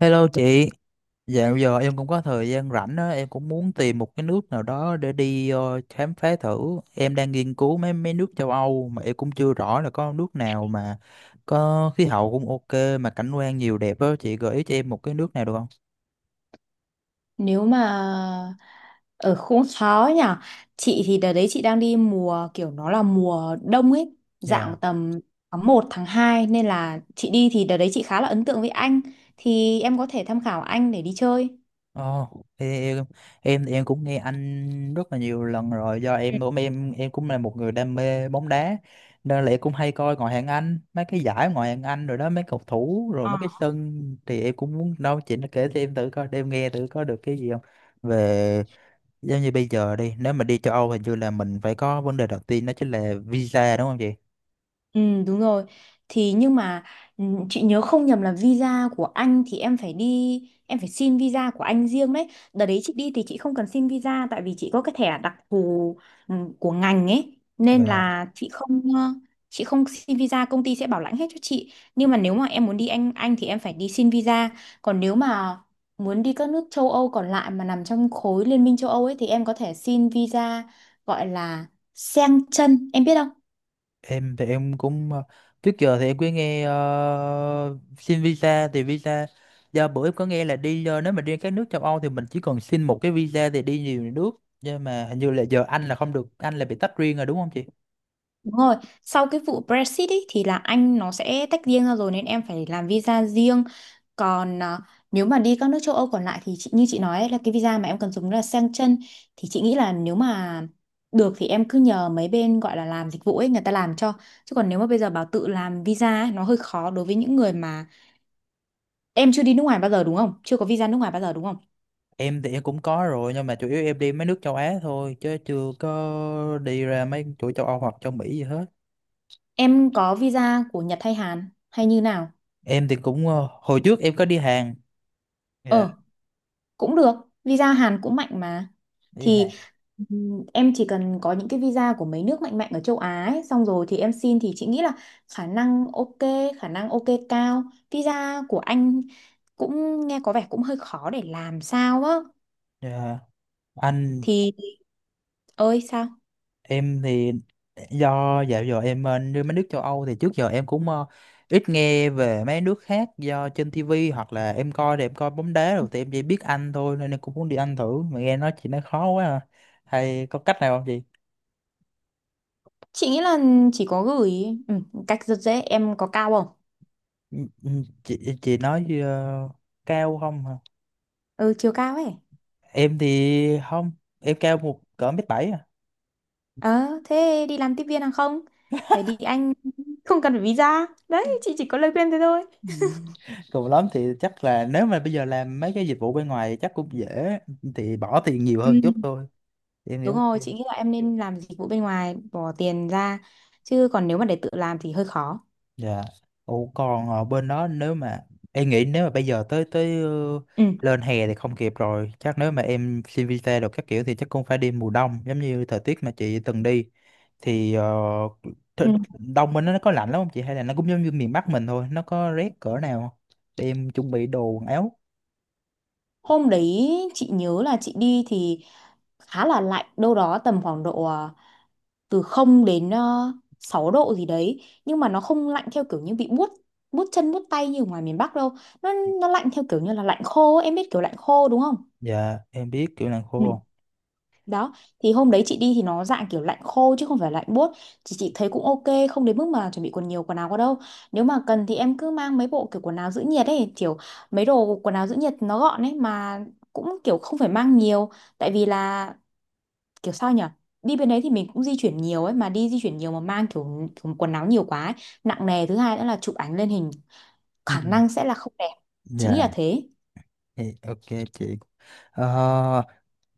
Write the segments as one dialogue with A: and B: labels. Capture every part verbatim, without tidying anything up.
A: Hello chị, dạo giờ em cũng có thời gian rảnh á, em cũng muốn tìm một cái nước nào đó để đi ờ, khám phá thử. Em đang nghiên cứu mấy mấy nước châu Âu mà em cũng chưa rõ là có nước nào mà có khí hậu cũng ok mà cảnh quan nhiều đẹp á, chị gợi ý cho em một cái nước nào được không?
B: Nếu mà ở cũng khó nhỉ. Chị thì đợt đấy chị đang đi mùa kiểu nó là mùa đông ấy,
A: Dạ.
B: dạng tầm tháng một tháng hai nên là chị đi thì đợt đấy chị khá là ấn tượng với anh. Thì em có thể tham khảo anh để đi chơi.
A: Ồ, thì em em thì em cũng nghe anh rất là nhiều lần rồi do em cũng em em cũng là một người đam mê bóng đá nên là em cũng hay coi ngoại hạng Anh mấy cái giải ngoại hạng Anh rồi đó mấy cầu thủ rồi mấy cái sân thì em cũng muốn đâu chị nó kể cho em thử coi để em nghe thử có được cái gì không về giống như bây giờ đi nếu mà đi châu Âu hình như là mình phải có vấn đề đầu tiên đó chính là visa đúng không chị?
B: Ừ, đúng rồi. Thì nhưng mà ừ, chị nhớ không nhầm là visa của anh thì em phải đi em phải xin visa của anh riêng đấy. Đợt đấy chị đi thì chị không cần xin visa tại vì chị có cái thẻ đặc thù, ừ, của ngành ấy nên
A: Dạ.
B: là chị không ờ, chị không xin visa, công ty sẽ bảo lãnh hết cho chị. Nhưng mà nếu mà em muốn đi anh anh thì em phải đi xin visa. Còn nếu mà muốn đi các nước châu Âu còn lại mà nằm trong khối Liên minh châu Âu ấy thì em có thể xin visa gọi là Schengen, em biết không?
A: Em thì em cũng ờ, trước giờ thì em cứ nghe ờ, xin visa thì visa do bữa em có nghe là đi ờ, nếu mà đi các nước châu Âu thì mình chỉ cần xin một cái visa thì đi nhiều nước, nhưng mà hình như là giờ Anh là không được, Anh là bị tách riêng rồi đúng không chị?
B: Đúng rồi, sau cái vụ Brexit ý, thì là Anh nó sẽ tách riêng ra rồi nên em phải làm visa riêng. Còn à, nếu mà đi các nước châu Âu còn lại thì chị, như chị nói ấy, là cái visa mà em cần dùng là Schengen, thì chị nghĩ là nếu mà được thì em cứ nhờ mấy bên gọi là làm dịch vụ ấy người ta làm cho. Chứ còn nếu mà bây giờ bảo tự làm visa ấy, nó hơi khó đối với những người mà em chưa đi nước ngoài bao giờ đúng không? Chưa có visa nước ngoài bao giờ đúng không?
A: Em thì em cũng có rồi nhưng mà chủ yếu em đi mấy nước châu Á thôi chứ chưa có đi ra mấy chỗ châu Âu hoặc châu Mỹ gì hết.
B: Em có visa của Nhật hay Hàn hay như nào?
A: Em thì cũng ờ, hồi trước em có đi Hàn. Dạ,
B: Ờ, cũng được, visa Hàn cũng mạnh mà.
A: đi
B: Thì
A: Hàn.
B: ừm, em chỉ cần có những cái visa của mấy nước mạnh mạnh ở châu Á ấy, xong rồi thì em xin thì chị nghĩ là khả năng ok khả năng ok cao. Visa của anh cũng nghe có vẻ cũng hơi khó để làm sao á.
A: Dạ. Anh
B: Thì ơi sao,
A: em thì do dạo giờ em bên mấy nước châu Âu thì trước giờ em cũng ờ, ít nghe về mấy nước khác do trên ti vi hoặc là em coi thì em coi bóng đá rồi thì em chỉ biết Anh thôi nên em cũng muốn đi Anh thử mà nghe nói chị nói khó quá à. Hay có cách nào không chị?
B: chị nghĩ là chỉ có gửi. ừ, cách rất dễ, em có cao không?
A: Ừ, ừ, Chị chị nói ờ, cao không hả?
B: Ừ, chiều cao ấy.
A: Em thì không, em cao một cỡ mét bảy à.
B: Ờ, thế đi làm tiếp viên hàng không để đi Anh không cần phải visa đấy, chị chỉ có lời khuyên thế thôi.
A: Ừ. Cùng lắm thì chắc là nếu mà bây giờ làm mấy cái dịch vụ bên ngoài thì chắc cũng dễ, thì bỏ tiền nhiều
B: Ừ.
A: hơn chút thôi. Em
B: Đúng
A: hiểu.
B: rồi, chị nghĩ là em nên làm dịch vụ bên ngoài, bỏ tiền ra, chứ còn nếu mà để tự làm thì hơi khó.
A: Dạ. Ủa còn ở bên đó nếu mà em nghĩ nếu mà bây giờ tới tới ờ,
B: Ừ.
A: lên hè thì không kịp rồi. Chắc nếu mà em xin visa được các kiểu thì chắc cũng phải đi mùa đông giống như thời tiết mà chị từng đi, thì ờ,
B: Ừ.
A: th- đông bên đó nó có lạnh lắm không chị, hay là nó cũng giống như miền Bắc mình thôi, nó có rét cỡ nào không? Để em chuẩn bị đồ quần áo.
B: Hôm đấy chị nhớ là chị đi thì khá là lạnh, đâu đó tầm khoảng độ à, từ không đến ờ, sáu độ gì đấy, nhưng mà nó không lạnh theo kiểu như bị buốt, buốt chân buốt tay như ở ngoài miền Bắc đâu. Nó nó lạnh theo kiểu như là lạnh khô ấy. Em biết kiểu lạnh khô đúng không?
A: Dạ, em biết kiểu làng
B: Ừ.
A: khô.
B: Đó, thì hôm đấy chị đi thì nó dạng kiểu lạnh khô chứ không phải lạnh buốt. Thì chị thấy cũng ok, không đến mức mà chuẩn bị quần nhiều quần áo quá đâu. Nếu mà cần thì em cứ mang mấy bộ kiểu quần áo giữ nhiệt ấy, kiểu mấy đồ quần áo giữ nhiệt nó gọn ấy mà cũng kiểu không phải mang nhiều. Tại vì là kiểu sao nhở, đi bên đấy thì mình cũng di chuyển nhiều ấy, mà đi di chuyển nhiều mà mang kiểu, kiểu quần áo nhiều quá ấy. Nặng nề, thứ hai nữa là chụp ảnh lên hình khả
A: Ừ.
B: năng sẽ là không đẹp. Chị nghĩ là
A: Dạ,
B: thế.
A: thì ok chị. Ờ,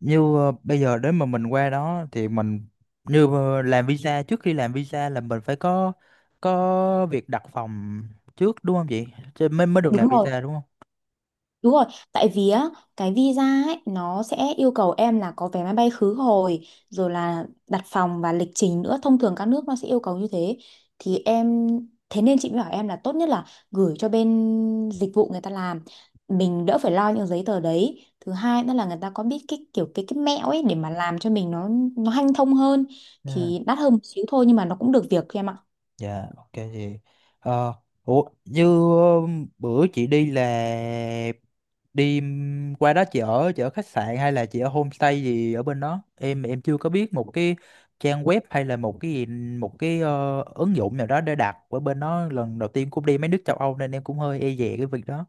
A: như ờ, bây giờ đến mà mình qua đó thì mình như ờ, làm visa, trước khi làm visa là mình phải có có việc đặt phòng trước đúng không chị? Chứ mới mới được làm
B: Đúng rồi.
A: visa đúng
B: Đúng rồi, tại vì á, cái visa ấy, nó sẽ yêu cầu em là có vé máy bay khứ hồi, rồi là đặt phòng và lịch trình nữa. Thông thường các nước nó sẽ yêu cầu như thế. Thì em, thế nên chị mới bảo em là tốt nhất là gửi cho bên dịch vụ người ta làm. Mình đỡ phải lo những giấy tờ đấy. Thứ hai nữa là người ta có biết cái kiểu cái cái mẹo ấy để mà làm cho mình nó nó hanh thông hơn.
A: không?
B: Thì đắt hơn một xíu thôi nhưng mà nó cũng được việc em ạ.
A: Dạ, ok chị. Ờ, ủa, như ờ, bữa chị đi là đi ừm, qua đó chị ở, chị ở khách sạn hay là chị ở homestay gì ở bên đó? Em em chưa có biết một cái trang web hay là một cái gì, một cái ờ, ứng dụng nào đó để đặt ở bên đó, lần đầu tiên cũng đi mấy nước châu Âu nên em cũng hơi e dè cái việc đó.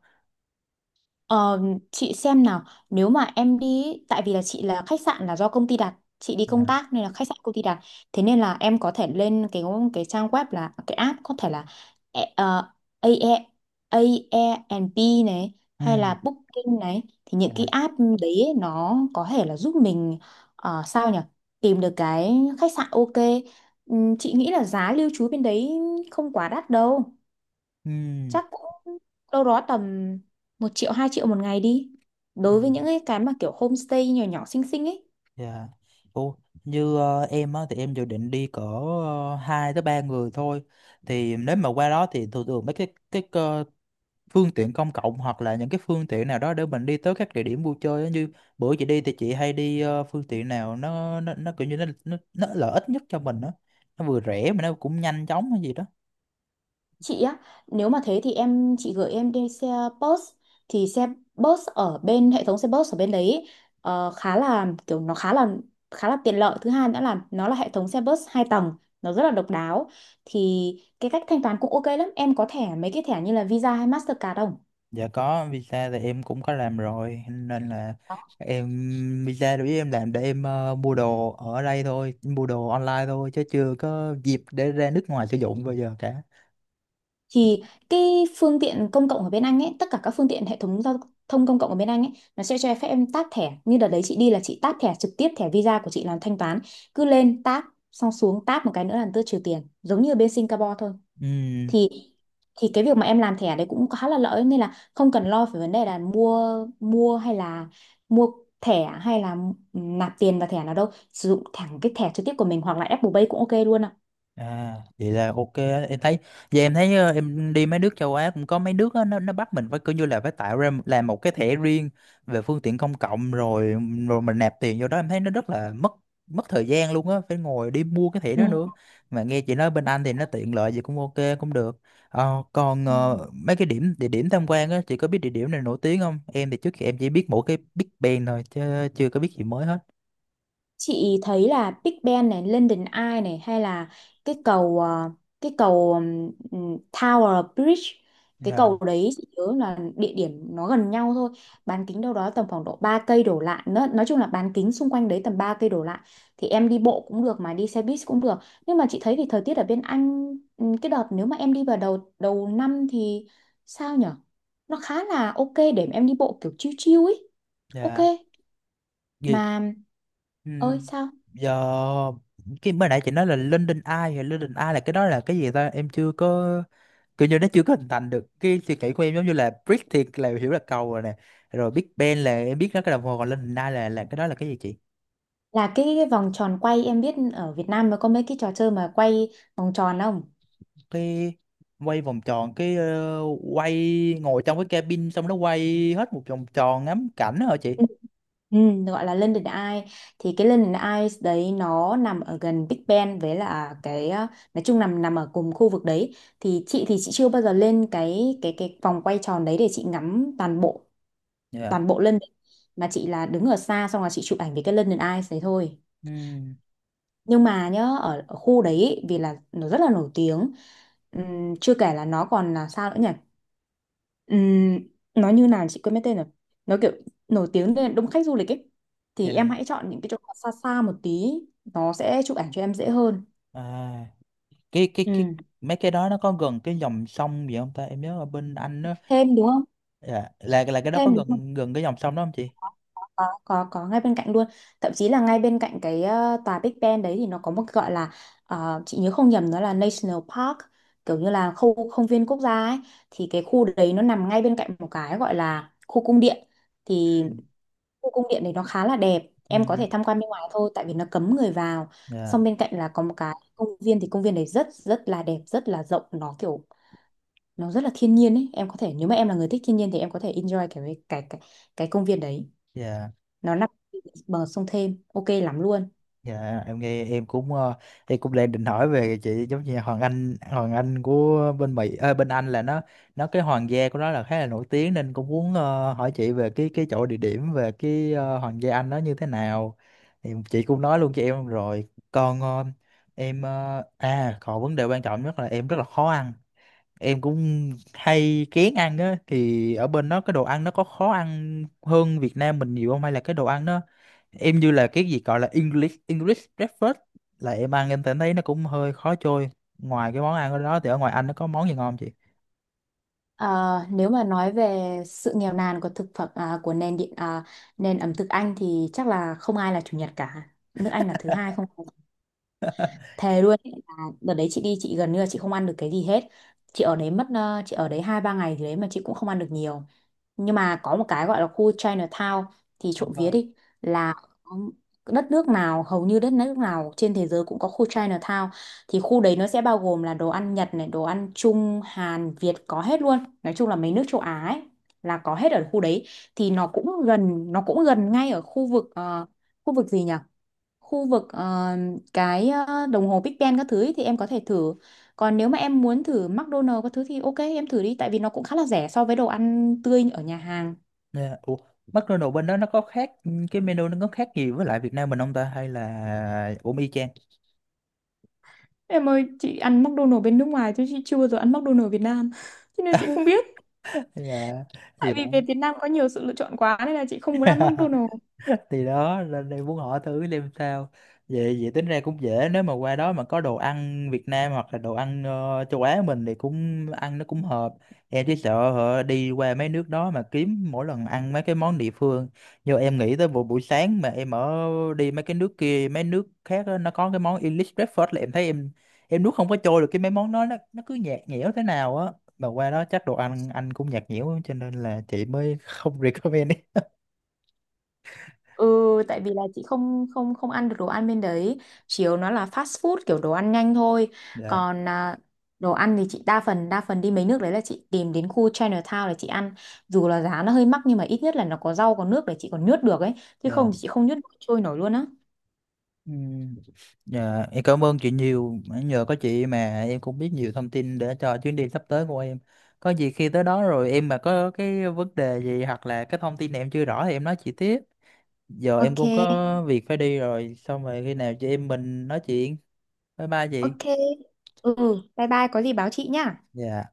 B: Ờ, chị xem nào, nếu mà em đi ý, tại vì là chị là khách sạn là do công ty đặt, chị đi
A: Dạ.
B: công tác nên là khách sạn công ty đặt, thế nên là em có thể lên cái cái trang web là cái app, có thể là e- ờ, AE Airbnb này hay là
A: Ừ.
B: Booking này, thì những cái
A: Dạ.
B: app đấy ý, nó có thể là giúp mình, ờ, sao nhỉ tìm được cái khách sạn ok. Ừm, chị nghĩ là giá lưu trú bên đấy không quá đắt đâu,
A: Ừ.
B: chắc cũng đâu đó tầm một triệu hai triệu một ngày đi,
A: Ừ.
B: đối với những cái cái mà kiểu homestay nhỏ nhỏ xinh xinh ấy.
A: Dạ. Ủa, như ờ, em á, thì em dự định đi cỡ uh, hai tới ba người thôi. Thì nếu mà qua đó thì thường thường mấy cái cái ờ, phương tiện công cộng hoặc là những cái phương tiện nào đó để mình đi tới các địa điểm vui chơi á. Như bữa chị đi thì chị hay đi ờ, phương tiện nào nó nó nó kiểu như nó nó, nó lợi ích nhất cho mình đó. Nó vừa rẻ mà nó cũng nhanh chóng hay gì đó.
B: Chị á, nếu mà thế thì em chị gửi em đi xe bus, thì xe bus ở bên, hệ thống xe bus ở bên đấy ấy, ờ, khá là kiểu nó khá là khá là tiện lợi. Thứ hai nữa là nó là hệ thống xe bus hai tầng, nó rất là độc đáo. Thì cái cách thanh toán cũng ok lắm. Em có thẻ, mấy cái thẻ như là Visa hay Mastercard không?
A: Dạ có, visa thì em cũng có làm rồi. Nên là em visa đối với em làm để em ờ, mua đồ ở đây thôi, mua đồ online thôi chứ chưa có dịp để ra nước ngoài sử dụng bao giờ cả.
B: Thì cái phương tiện công cộng ở bên Anh ấy, tất cả các phương tiện hệ thống giao thông công cộng ở bên Anh ấy, nó sẽ cho phép em tap thẻ. Như đợt đấy chị đi là chị tap thẻ trực tiếp, thẻ Visa của chị làm thanh toán, cứ lên tap, xong xuống tap một cái nữa là tự trừ tiền, giống như ở bên Singapore thôi.
A: Ừ.
B: Thì thì cái việc mà em làm thẻ đấy cũng khá là lợi, nên là không cần lo về vấn đề là mua mua hay là mua thẻ hay là nạp tiền vào thẻ nào đâu, sử dụng thẳng cái thẻ trực tiếp của mình hoặc là Apple Pay cũng ok luôn ạ.
A: À, vậy là ok á. Em thấy giờ em thấy ờ, em đi mấy nước châu Á cũng có mấy nước á, nó nó bắt mình phải cứ như là phải tạo ra làm một cái thẻ riêng về phương tiện công cộng rồi, rồi mình nạp tiền vô đó, em thấy nó rất là mất mất thời gian luôn á, phải ngồi đi mua cái thẻ đó nữa, mà nghe chị nói bên Anh thì nó tiện lợi gì cũng ok cũng được. Ờ, còn
B: Ừ.
A: ờ, mấy cái điểm địa điểm tham quan á, chị có biết địa điểm này nổi tiếng không, em thì trước kia em chỉ biết mỗi cái Big Ben thôi chứ chưa có biết gì mới hết.
B: Chị thấy là Big Ben này, London Eye này hay là cái cầu, ờ, cái cầu, ừm, ừm, Tower Bridge, cái
A: Dạ,
B: cầu đấy chị nhớ là địa điểm nó gần nhau thôi, bán kính đâu đó tầm khoảng độ ba cây đổ lại, nó, nói chung là bán kính xung quanh đấy tầm ba cây đổ lại, thì em đi bộ cũng được mà đi xe buýt cũng được. Nhưng mà chị thấy thì thời tiết ở bên Anh, ừm, cái đợt nếu mà em đi vào đầu đầu năm thì sao nhở, nó khá là ok để em đi bộ kiểu chill chill ấy, ok
A: dạ.
B: mà
A: Ừ.
B: ơi sao.
A: Giờ cái mới nãy chị nói là London Eye, thì London Eye là cái đó là cái gì ta, em chưa có kiểu như nó chưa có hình thành được cái suy nghĩ của em, giống như là Brick thì là hiểu là cầu rồi nè, rồi Big Ben là em biết nó cái đồng hồ, còn London Eye là là cái đó là cái gì chị?
B: Là cái, cái vòng tròn quay, em biết ở Việt Nam nó có mấy cái trò chơi mà quay vòng tròn không?
A: Cái quay vòng tròn, cái ờ, quay ngồi trong cái cabin xong nó quay hết một vòng tròn ngắm cảnh đó hả chị?
B: Ừ, gọi là London Eye, thì cái London Eye đấy nó nằm ở gần Big Ben với là cái, ờ, nói chung nằm nằm ở cùng khu vực đấy. Thì chị thì chị chưa bao giờ lên cái cái cái vòng quay tròn đấy để chị ngắm toàn bộ
A: Dạ.
B: toàn bộ London, mà chị là đứng ở xa xong là chị chụp ảnh với cái London Eye đấy thôi.
A: Ừ.
B: Nhưng mà nhớ ở, ở khu đấy ý, vì là nó rất là nổi tiếng. Ừm, chưa kể là nó còn là sao nữa nhỉ, ừm, nó như nào chị quên mất tên rồi, nó kiểu nổi tiếng nên đông khách du lịch ấy, thì em
A: Dạ.
B: hãy chọn những cái chỗ xa xa một tí, nó sẽ chụp ảnh cho em dễ hơn.
A: À, cái cái cái
B: Ừ.
A: mấy cái đó nó có gần cái dòng sông gì không ta, em nhớ ở bên Anh.
B: Thêm đúng không?
A: Dạ, là là cái đó có
B: Thêm đúng,
A: gần, gần cái dòng sông đó không chị?
B: có có có ngay bên cạnh luôn, thậm chí là ngay bên cạnh cái, ờ, tòa Big Ben đấy, thì nó có một cái gọi là, ờ, chị nhớ không nhầm nó là National Park, kiểu như là khu công viên quốc gia ấy, thì cái khu đấy nó nằm ngay bên cạnh một cái gọi là khu cung điện. Thì
A: Ừ.
B: khu cung điện này nó khá là đẹp,
A: Ừ.
B: em có thể tham quan bên ngoài thôi tại vì nó cấm người vào.
A: Dạ,
B: Xong bên cạnh là có một cái công viên, thì công viên này rất rất là đẹp, rất là rộng, nó kiểu nó rất là thiên nhiên ấy, em có thể, nếu mà em là người thích thiên nhiên thì em có thể enjoy cái cái cái cái công viên đấy,
A: dạ,
B: nó nằm bờ sông Thêm, ok lắm luôn.
A: dạ, em nghe em cũng ờ, em cũng đang định hỏi về chị, giống như Hoàng Anh, Hoàng Anh của bên Mỹ, ờ, bên Anh là nó nó cái hoàng gia của nó là khá là nổi tiếng nên cũng muốn ờ, hỏi chị về cái cái chỗ địa điểm về cái ờ, hoàng gia Anh nó như thế nào, thì chị cũng nói luôn cho em rồi. Còn ờ, em ờ, à còn vấn đề quan trọng nhất là em rất là khó ăn, em cũng hay kén ăn á, thì ở bên đó cái đồ ăn nó có khó ăn hơn Việt Nam mình nhiều không, hay là cái đồ ăn nó em như là cái gì gọi là English English breakfast là em ăn em thấy thấy nó cũng hơi khó trôi, ngoài cái món ăn ở đó thì ở ngoài Anh nó có món gì ngon không chị?
B: Ờ, nếu mà nói về sự nghèo nàn của thực phẩm à, của nền điện à, nền ẩm thực Anh thì chắc là không ai là chủ nhật cả, nước Anh là thứ hai không, thề luôn ấy. Là đợt đấy chị đi, chị gần như là chị không ăn được cái gì hết, chị ở đấy mất, ờ, chị ở đấy hai ba ngày thì đấy mà chị cũng không ăn được nhiều. Nhưng mà có một cái gọi là khu Chinatown, thì trộm vía
A: Ờ.
B: đi, là có, đất nước nào hầu như đất nước nào trên thế giới cũng có khu Chinatown. Thì khu đấy nó sẽ bao gồm là đồ ăn Nhật này, đồ ăn Trung, Hàn, Việt có hết luôn, nói chung là mấy nước châu Á ấy là có hết ở khu đấy. Thì nó cũng gần nó cũng gần ngay ở khu vực, ờ, khu vực gì nhỉ, khu vực, ờ, cái, ờ, đồng hồ Big Ben các thứ ý, thì em có thể thử. Còn nếu mà em muốn thử McDonald's các thứ thì ok em thử đi tại vì nó cũng khá là rẻ so với đồ ăn tươi ở nhà hàng.
A: Yeah. Ủa, McDonald's bên đó nó có khác, cái menu nó có khác gì với lại Việt Nam mình không ta, hay là cũng y chang
B: Em ơi, chị ăn McDonald's bên nước ngoài chứ chị chưa bao giờ ăn McDonald's Việt Nam. Cho nên chị không biết.
A: hay là gì
B: Tại
A: đó?
B: vì về Việt Nam có nhiều sự lựa chọn quá nên là chị không muốn ăn McDonald's.
A: Thì đó nên em muốn hỏi thử xem sao. Vậy vậy tính ra cũng dễ, nếu mà qua đó mà có đồ ăn Việt Nam hoặc là đồ ăn ờ, châu Á mình thì cũng ăn nó cũng hợp. Em chỉ sợ hả, đi qua mấy nước đó mà kiếm mỗi lần ăn mấy cái món địa phương, nhưng em nghĩ tới buổi buổi sáng mà em ở đi mấy cái nước kia mấy nước khác á, nó có cái món English breakfast là em thấy em em nuốt không có trôi được, cái mấy món đó nó nó cứ nhạt nhẽo thế nào á, mà qua đó chắc đồ ăn anh cũng nhạt nhẽo cho nên là chị mới không recommend ấy.
B: Ừ, tại vì là chị không không không ăn được đồ ăn bên đấy, chiều nó là fast food kiểu đồ ăn nhanh thôi.
A: Dạ.
B: Còn à, đồ ăn thì chị đa phần đa phần đi mấy nước đấy là chị tìm đến khu Chinatown để chị ăn. Dù là giá nó hơi mắc nhưng mà ít nhất là nó có rau có nước để chị còn nhướt được ấy, chứ
A: Dạ.
B: không thì chị không nhướt nổi, trôi nổi luôn á.
A: Ừ. Dạ, em cảm ơn chị nhiều. Nhờ có chị mà em cũng biết nhiều thông tin để cho chuyến đi sắp tới của em. Có gì khi tới đó rồi em mà có cái vấn đề gì hoặc là cái thông tin em chưa rõ thì em nói chị tiếp. Giờ em
B: Ok,
A: cũng có việc phải đi rồi. Xong rồi khi nào chị em mình nói chuyện. Bye bye chị.
B: ok. Ừ, bye bye, có gì báo chị nhá.
A: Dạ.